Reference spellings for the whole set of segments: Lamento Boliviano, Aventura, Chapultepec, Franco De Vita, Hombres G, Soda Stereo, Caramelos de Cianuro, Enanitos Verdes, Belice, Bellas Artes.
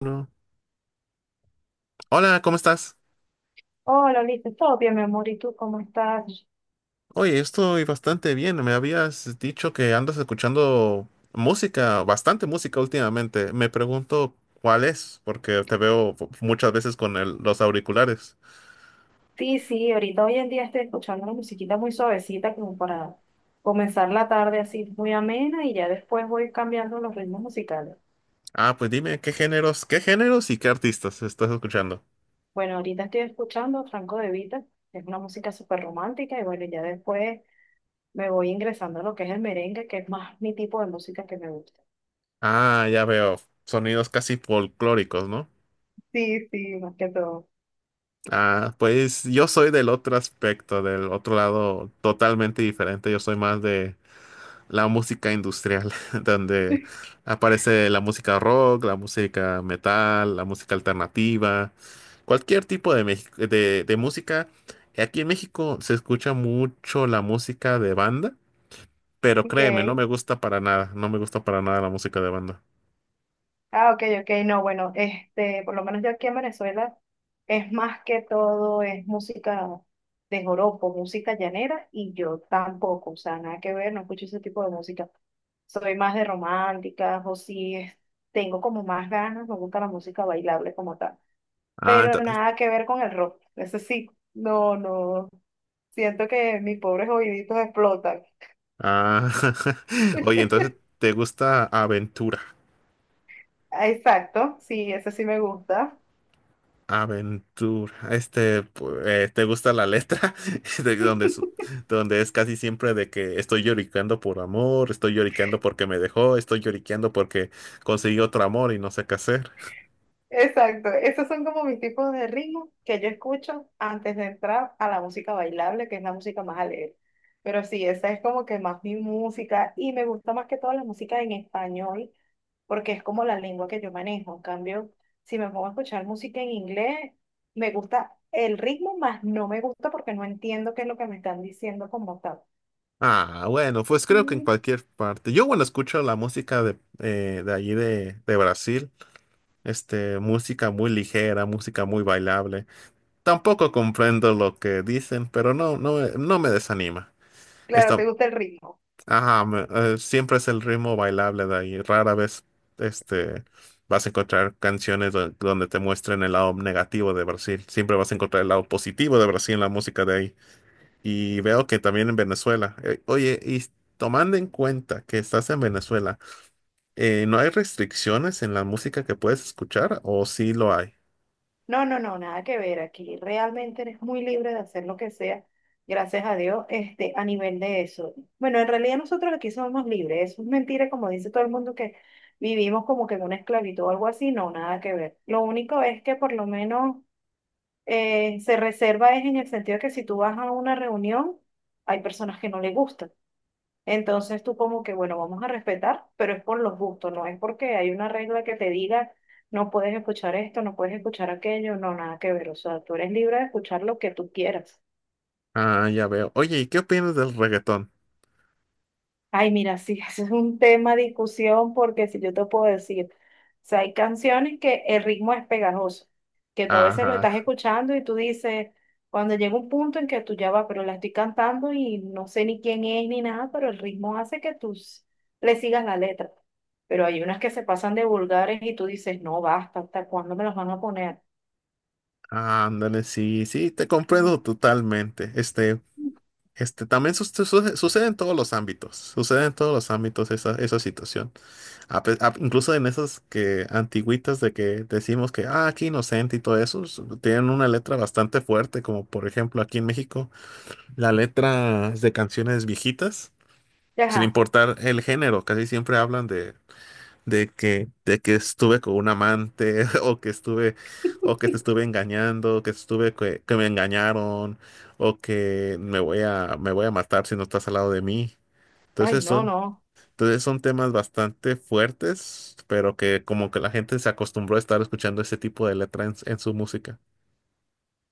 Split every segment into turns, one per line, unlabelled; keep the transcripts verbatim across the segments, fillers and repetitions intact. No. Hola, ¿cómo estás?
Hola, listo, todo bien, mi amor, ¿y tú cómo estás?
Oye, estoy bastante bien. Me habías dicho que andas escuchando música, bastante música últimamente. Me pregunto cuál es, porque te veo fu- muchas veces con el- los auriculares.
Sí, sí, ahorita hoy en día estoy escuchando una musiquita muy suavecita como para comenzar la tarde así muy amena y ya después voy cambiando los ritmos musicales.
Ah, pues dime, ¿qué géneros, qué géneros y qué artistas estás escuchando?
Bueno, ahorita estoy escuchando Franco De Vita, que es una música súper romántica y bueno, ya después me voy ingresando a lo que es el merengue, que es más mi tipo de música que me gusta.
Ah, ya veo. Sonidos casi folclóricos, ¿no?
Sí, sí, más que todo.
Ah, pues yo soy del otro aspecto, del otro lado totalmente diferente. Yo soy más de la música industrial, donde aparece la música rock, la música metal, la música alternativa, cualquier tipo de, Mex- de, de música. Aquí en México se escucha mucho la música de banda, pero
Ok.
créeme, no me gusta para nada, no me gusta para nada la música de banda.
Ah, ok, ok, no, bueno, este, por lo menos yo aquí en Venezuela es más que todo, es música de joropo, música llanera, y yo tampoco, o sea, nada que ver, no escucho ese tipo de música. Soy más de románticas, o si es- tengo como más ganas, me gusta la música bailable como tal,
Ah,
pero
entonces,
nada que ver con el rock, eso sí, no, no, siento que mis pobres oíditos explotan.
ah, oye, entonces te gusta Aventura.
Ah, exacto, sí, ese sí me gusta.
Aventura. Este, pu- eh, ¿te gusta la letra? De donde, su- Donde es casi siempre de que estoy lloriqueando por amor, estoy lloriqueando porque me dejó, estoy lloriqueando porque conseguí otro amor y no sé qué hacer.
Exacto, esos son como mis tipos de ritmos que yo escucho antes de entrar a la música bailable, que es la música más alegre. Pero sí, esa es como que más mi música y me gusta más que todo la música en español porque es como la lengua que yo manejo. En cambio, si me pongo a escuchar música en inglés, me gusta el ritmo, más no me gusta porque no entiendo qué es lo que me están diciendo como tal.
Ah, bueno, pues creo que en
Mm.
cualquier parte. Yo, bueno, escucho la música de, eh, de allí de, de Brasil. Este, música muy ligera, música muy bailable. Tampoco comprendo lo que dicen, pero no, no, no me desanima.
Claro, te
Esta,
gusta el ritmo.
Ajá, me- eh, siempre es el ritmo bailable de ahí. Rara vez, este, vas a encontrar canciones do- donde te muestren el lado negativo de Brasil. Siempre vas a encontrar el lado positivo de Brasil en la música de ahí. Y veo que también en Venezuela. Eh, oye, y s- tomando en cuenta que estás en Venezuela, eh, ¿no hay restricciones en la música que puedes escuchar o sí lo hay?
No, no, no, nada que ver. Aquí realmente eres muy libre de hacer lo que sea, gracias a Dios, este, a nivel de eso. Bueno, en realidad nosotros aquí somos libres. Eso es mentira, como dice todo el mundo, que vivimos como que en una esclavitud o algo así. No, nada que ver. Lo único es que por lo menos eh, se reserva es en el sentido de que si tú vas a una reunión, hay personas que no le gustan. Entonces tú como que, bueno, vamos a respetar, pero es por los gustos, no es porque hay una regla que te diga, no puedes escuchar esto, no puedes escuchar aquello, no, nada que ver. O sea, tú eres libre de escuchar lo que tú quieras.
Ah, ya veo. Oye, ¿y qué opinas del reggaetón?
Ay, mira, sí, ese es un tema de discusión porque si yo te puedo decir, o sea, hay canciones que el ritmo es pegajoso, que tú a veces lo estás
Ajá.
escuchando y tú dices, cuando llega un punto en que tú ya vas, pero la estoy cantando y no sé ni quién es ni nada, pero el ritmo hace que tú s- le sigas la letra. Pero hay unas que se pasan de vulgares y tú dices, no, basta, ¿hasta cuándo me las van a poner?
Ándale, sí, sí, te
Mm.
comprendo totalmente. Este, Este, también sus- su- sucede en todos los ámbitos, sucede en todos los ámbitos esa, esa situación. A pe- a- incluso en esas que antiguitas de que decimos que, ah, aquí inocente y todo eso, s- tienen una letra bastante fuerte, como por ejemplo aquí en México, la letra de canciones viejitas, sin
Ajá,
importar el género, casi siempre hablan de, de que, de que estuve con un amante, o que estuve, o que te estuve engañando, o que estuve que, que me engañaron, o que me voy a, me voy a matar si no estás al lado de mí.
ay,
Entonces
no,
son,
no.
entonces son temas bastante fuertes, pero que como que la gente se acostumbró a estar escuchando ese tipo de letra en, en su música.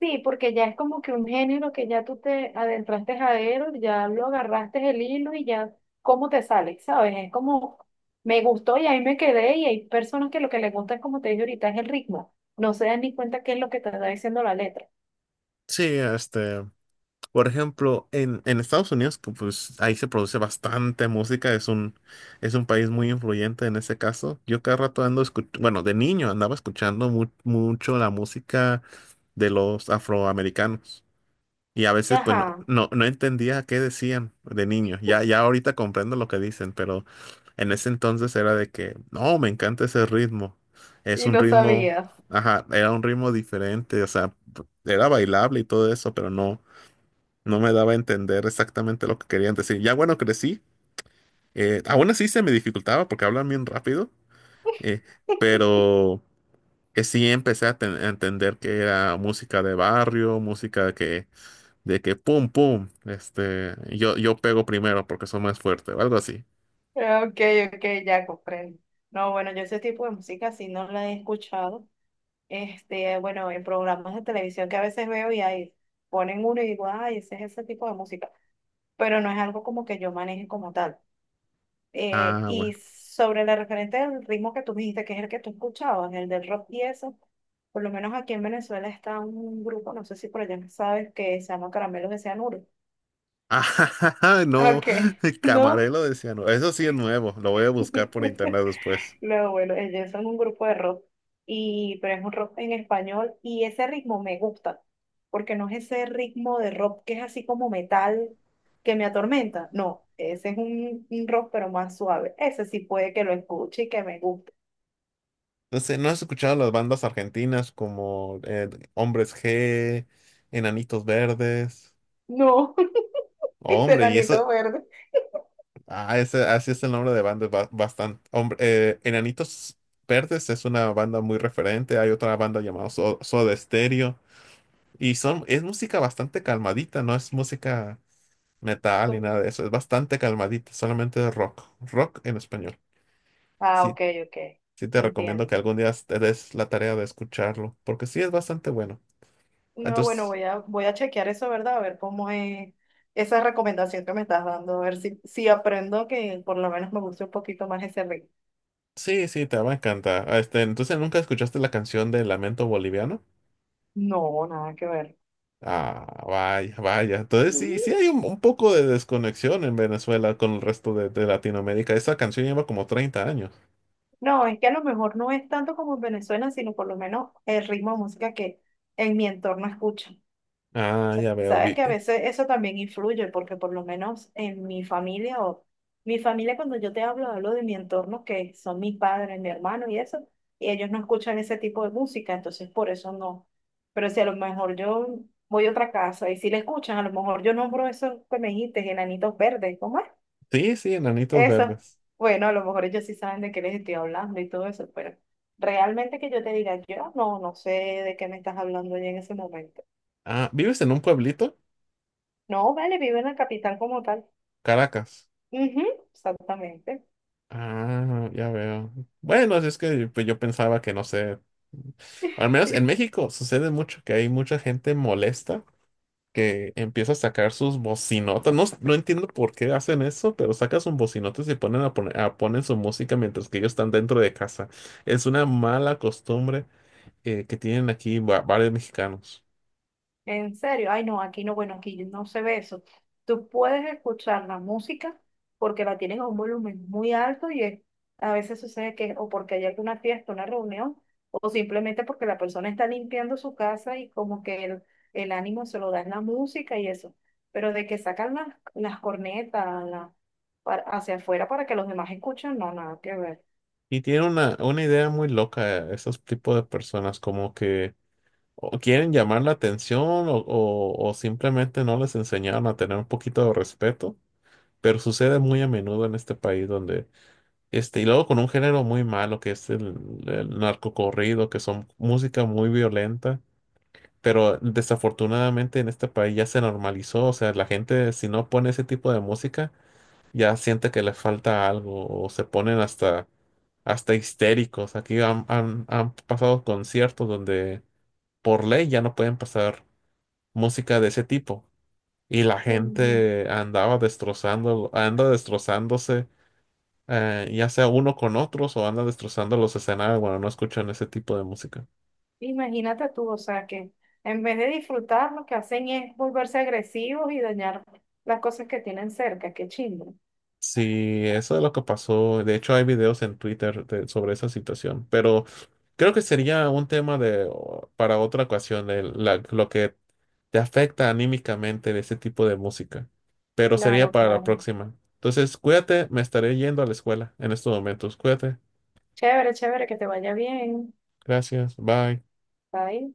Sí, porque ya es como que un género que ya tú te adentraste a él, ya lo agarraste el hilo y ya cómo te sale, ¿sabes? Es como, me gustó y ahí me quedé y hay personas que lo que les gusta es como te dije ahorita, es el ritmo. No se dan ni cuenta qué es lo que te está diciendo la letra.
Sí, este. Por ejemplo, en, en Estados Unidos, que, pues ahí se produce bastante música, es un, es un país muy influyente en ese caso. Yo cada rato ando escuchando, bueno, de niño andaba escuchando mu- mucho la música de los afroamericanos. Y a veces, pues, no,
Ajá,
no, no entendía qué decían de niño. Ya, ya ahorita comprendo lo que dicen, pero en ese entonces era de que, no, me encanta ese ritmo. Es
y
un
no
ritmo,
sabías.
ajá, era un ritmo diferente, o sea, era bailable y todo eso, pero no no me daba a entender exactamente lo que querían decir. Ya bueno, crecí. Eh, aún así se me dificultaba porque hablan bien rápido, eh, pero que sí empecé a, ten- a entender que era música de barrio, música que, de que pum, pum, este, yo, yo pego primero porque soy más fuerte o algo así.
Ok, ok, ya comprendo. No, bueno, yo ese tipo de música sí no la he escuchado. Este, bueno, en programas de televisión que a veces veo y ahí ponen uno y digo, ay, ese es ese tipo de música, pero no es algo como que yo maneje como tal. Eh,
Ah, bueno.
y sobre la referente del ritmo que tú me dijiste, que es el que tú escuchabas, el del rock y eso, por lo menos aquí en Venezuela está un grupo, no sé si por allá sabes, que se llama Caramelos de Cianuro.
Ah, no,
Ok, ¿no?
Camarelo decía, no, eso sí es nuevo, lo voy a buscar por internet después.
No, bueno, ellos son un grupo de rock, y, pero es un rock en español y ese ritmo me gusta, porque no es ese ritmo de rock que es así como metal que me atormenta. No, ese es un, un rock pero más suave. Ese sí puede que lo escuche y que me guste.
No sé, ¿no has escuchado las bandas argentinas como eh, Hombres G, Enanitos Verdes?
No, este
Hombre, y eso,
nanito verde.
ah, ese, así es el nombre de bandas bastante. Hombre, eh, Enanitos Verdes es una banda muy referente. Hay otra banda llamada So- Soda Stereo. Y son, es música bastante calmadita, no es música metal ni nada de eso. Es bastante calmadita, solamente rock. Rock en español.
Ah,
Sí,
ok, ok,
sí te recomiendo que
entiendo.
algún día te des la tarea de escucharlo, porque sí es bastante bueno.
No, bueno,
Entonces.
voy a, voy a chequear eso, ¿verdad? A ver cómo es esa recomendación que me estás dando, a ver si, si aprendo que por lo menos me guste un poquito más ese ritmo.
Sí, sí, te va a encantar. Ah, este, entonces, ¿nunca escuchaste la canción de Lamento Boliviano?
No, nada que ver.
Ah, vaya, vaya. Entonces, sí, sí
Mm.
hay un, un poco de desconexión en Venezuela con el resto de, de Latinoamérica. Esa canción lleva como treinta años.
No, es que a lo mejor no es tanto como en Venezuela, sino por lo menos el ritmo de música que en mi entorno escuchan. O
Ah,
sea,
ya veo.
sabes
Vi-
que a
eh,
veces eso también influye, porque por lo menos en mi familia o mi familia, cuando yo te hablo, hablo de mi entorno, que son mis padres, mi hermano y eso, y ellos no escuchan ese tipo de música, entonces por eso no. Pero si a lo mejor yo voy a otra casa y si le escuchan, a lo mejor yo nombro eso que me dijiste, enanitos verdes, ¿cómo es?
Sí, sí, Enanitos
Eso.
Verdes.
Bueno, a lo mejor ellos sí saben de qué les estoy hablando y todo eso, pero realmente que yo te diga, yo no, no sé de qué me estás hablando ya en ese momento.
Ah, ¿vives en un pueblito?
No, vale, vive en la capital como tal.
Caracas.
Ujú, exactamente.
Ah, ya veo. Bueno, así es que pues, yo pensaba que, no sé, al menos en México sucede mucho que hay mucha gente molesta que empieza a sacar sus bocinotas. No, s- no entiendo por qué hacen eso, pero saca sus bocinotas y ponen a poner, a ponen su música mientras que ellos están dentro de casa. Es una mala costumbre eh, que tienen aquí va- varios mexicanos.
En serio, ay no, aquí no, bueno, aquí no se ve eso. Tú puedes escuchar la música porque la tienen a un volumen muy alto y es- a veces sucede que o porque hay alguna fiesta, una reunión, o simplemente porque la persona está limpiando su casa y como que el, el ánimo se lo da en la música y eso. Pero de que sacan las, las cornetas la- para- hacia afuera para que los demás escuchen, no, nada que ver.
Y tienen una, una idea muy loca esos tipos de personas, como que o quieren llamar la atención o, o o simplemente no les enseñaron a tener un poquito de respeto. Pero sucede muy a menudo en este país donde Este, y luego con un género muy malo que es el, el narcocorrido, que son música muy violenta, pero desafortunadamente en este país ya se normalizó, o sea, la gente si no pone ese tipo de música ya siente que le falta algo o se ponen hasta, hasta histéricos. Aquí han, han, han pasado conciertos donde por ley ya no pueden pasar música de ese tipo y la
Ujú.
gente andaba destrozando, anda destrozándose eh, ya sea uno con otros o anda destrozando los escenarios, bueno, no escuchan ese tipo de música.
Imagínate tú, o sea, que en vez de disfrutar, lo que hacen es volverse agresivos y dañar las cosas que tienen cerca. Qué chingo.
Sí, eso es lo que pasó. De hecho, hay videos en Twitter de- sobre esa situación, pero creo que sería un tema de, o- para otra ocasión, el- la- lo que te afecta anímicamente de ese tipo de música, pero sería
Claro,
para la
claro.
próxima. Entonces, cuídate, me estaré yendo a la escuela en estos momentos. Cuídate,
Chévere, chévere, que te vaya bien.
gracias, bye.
Bye.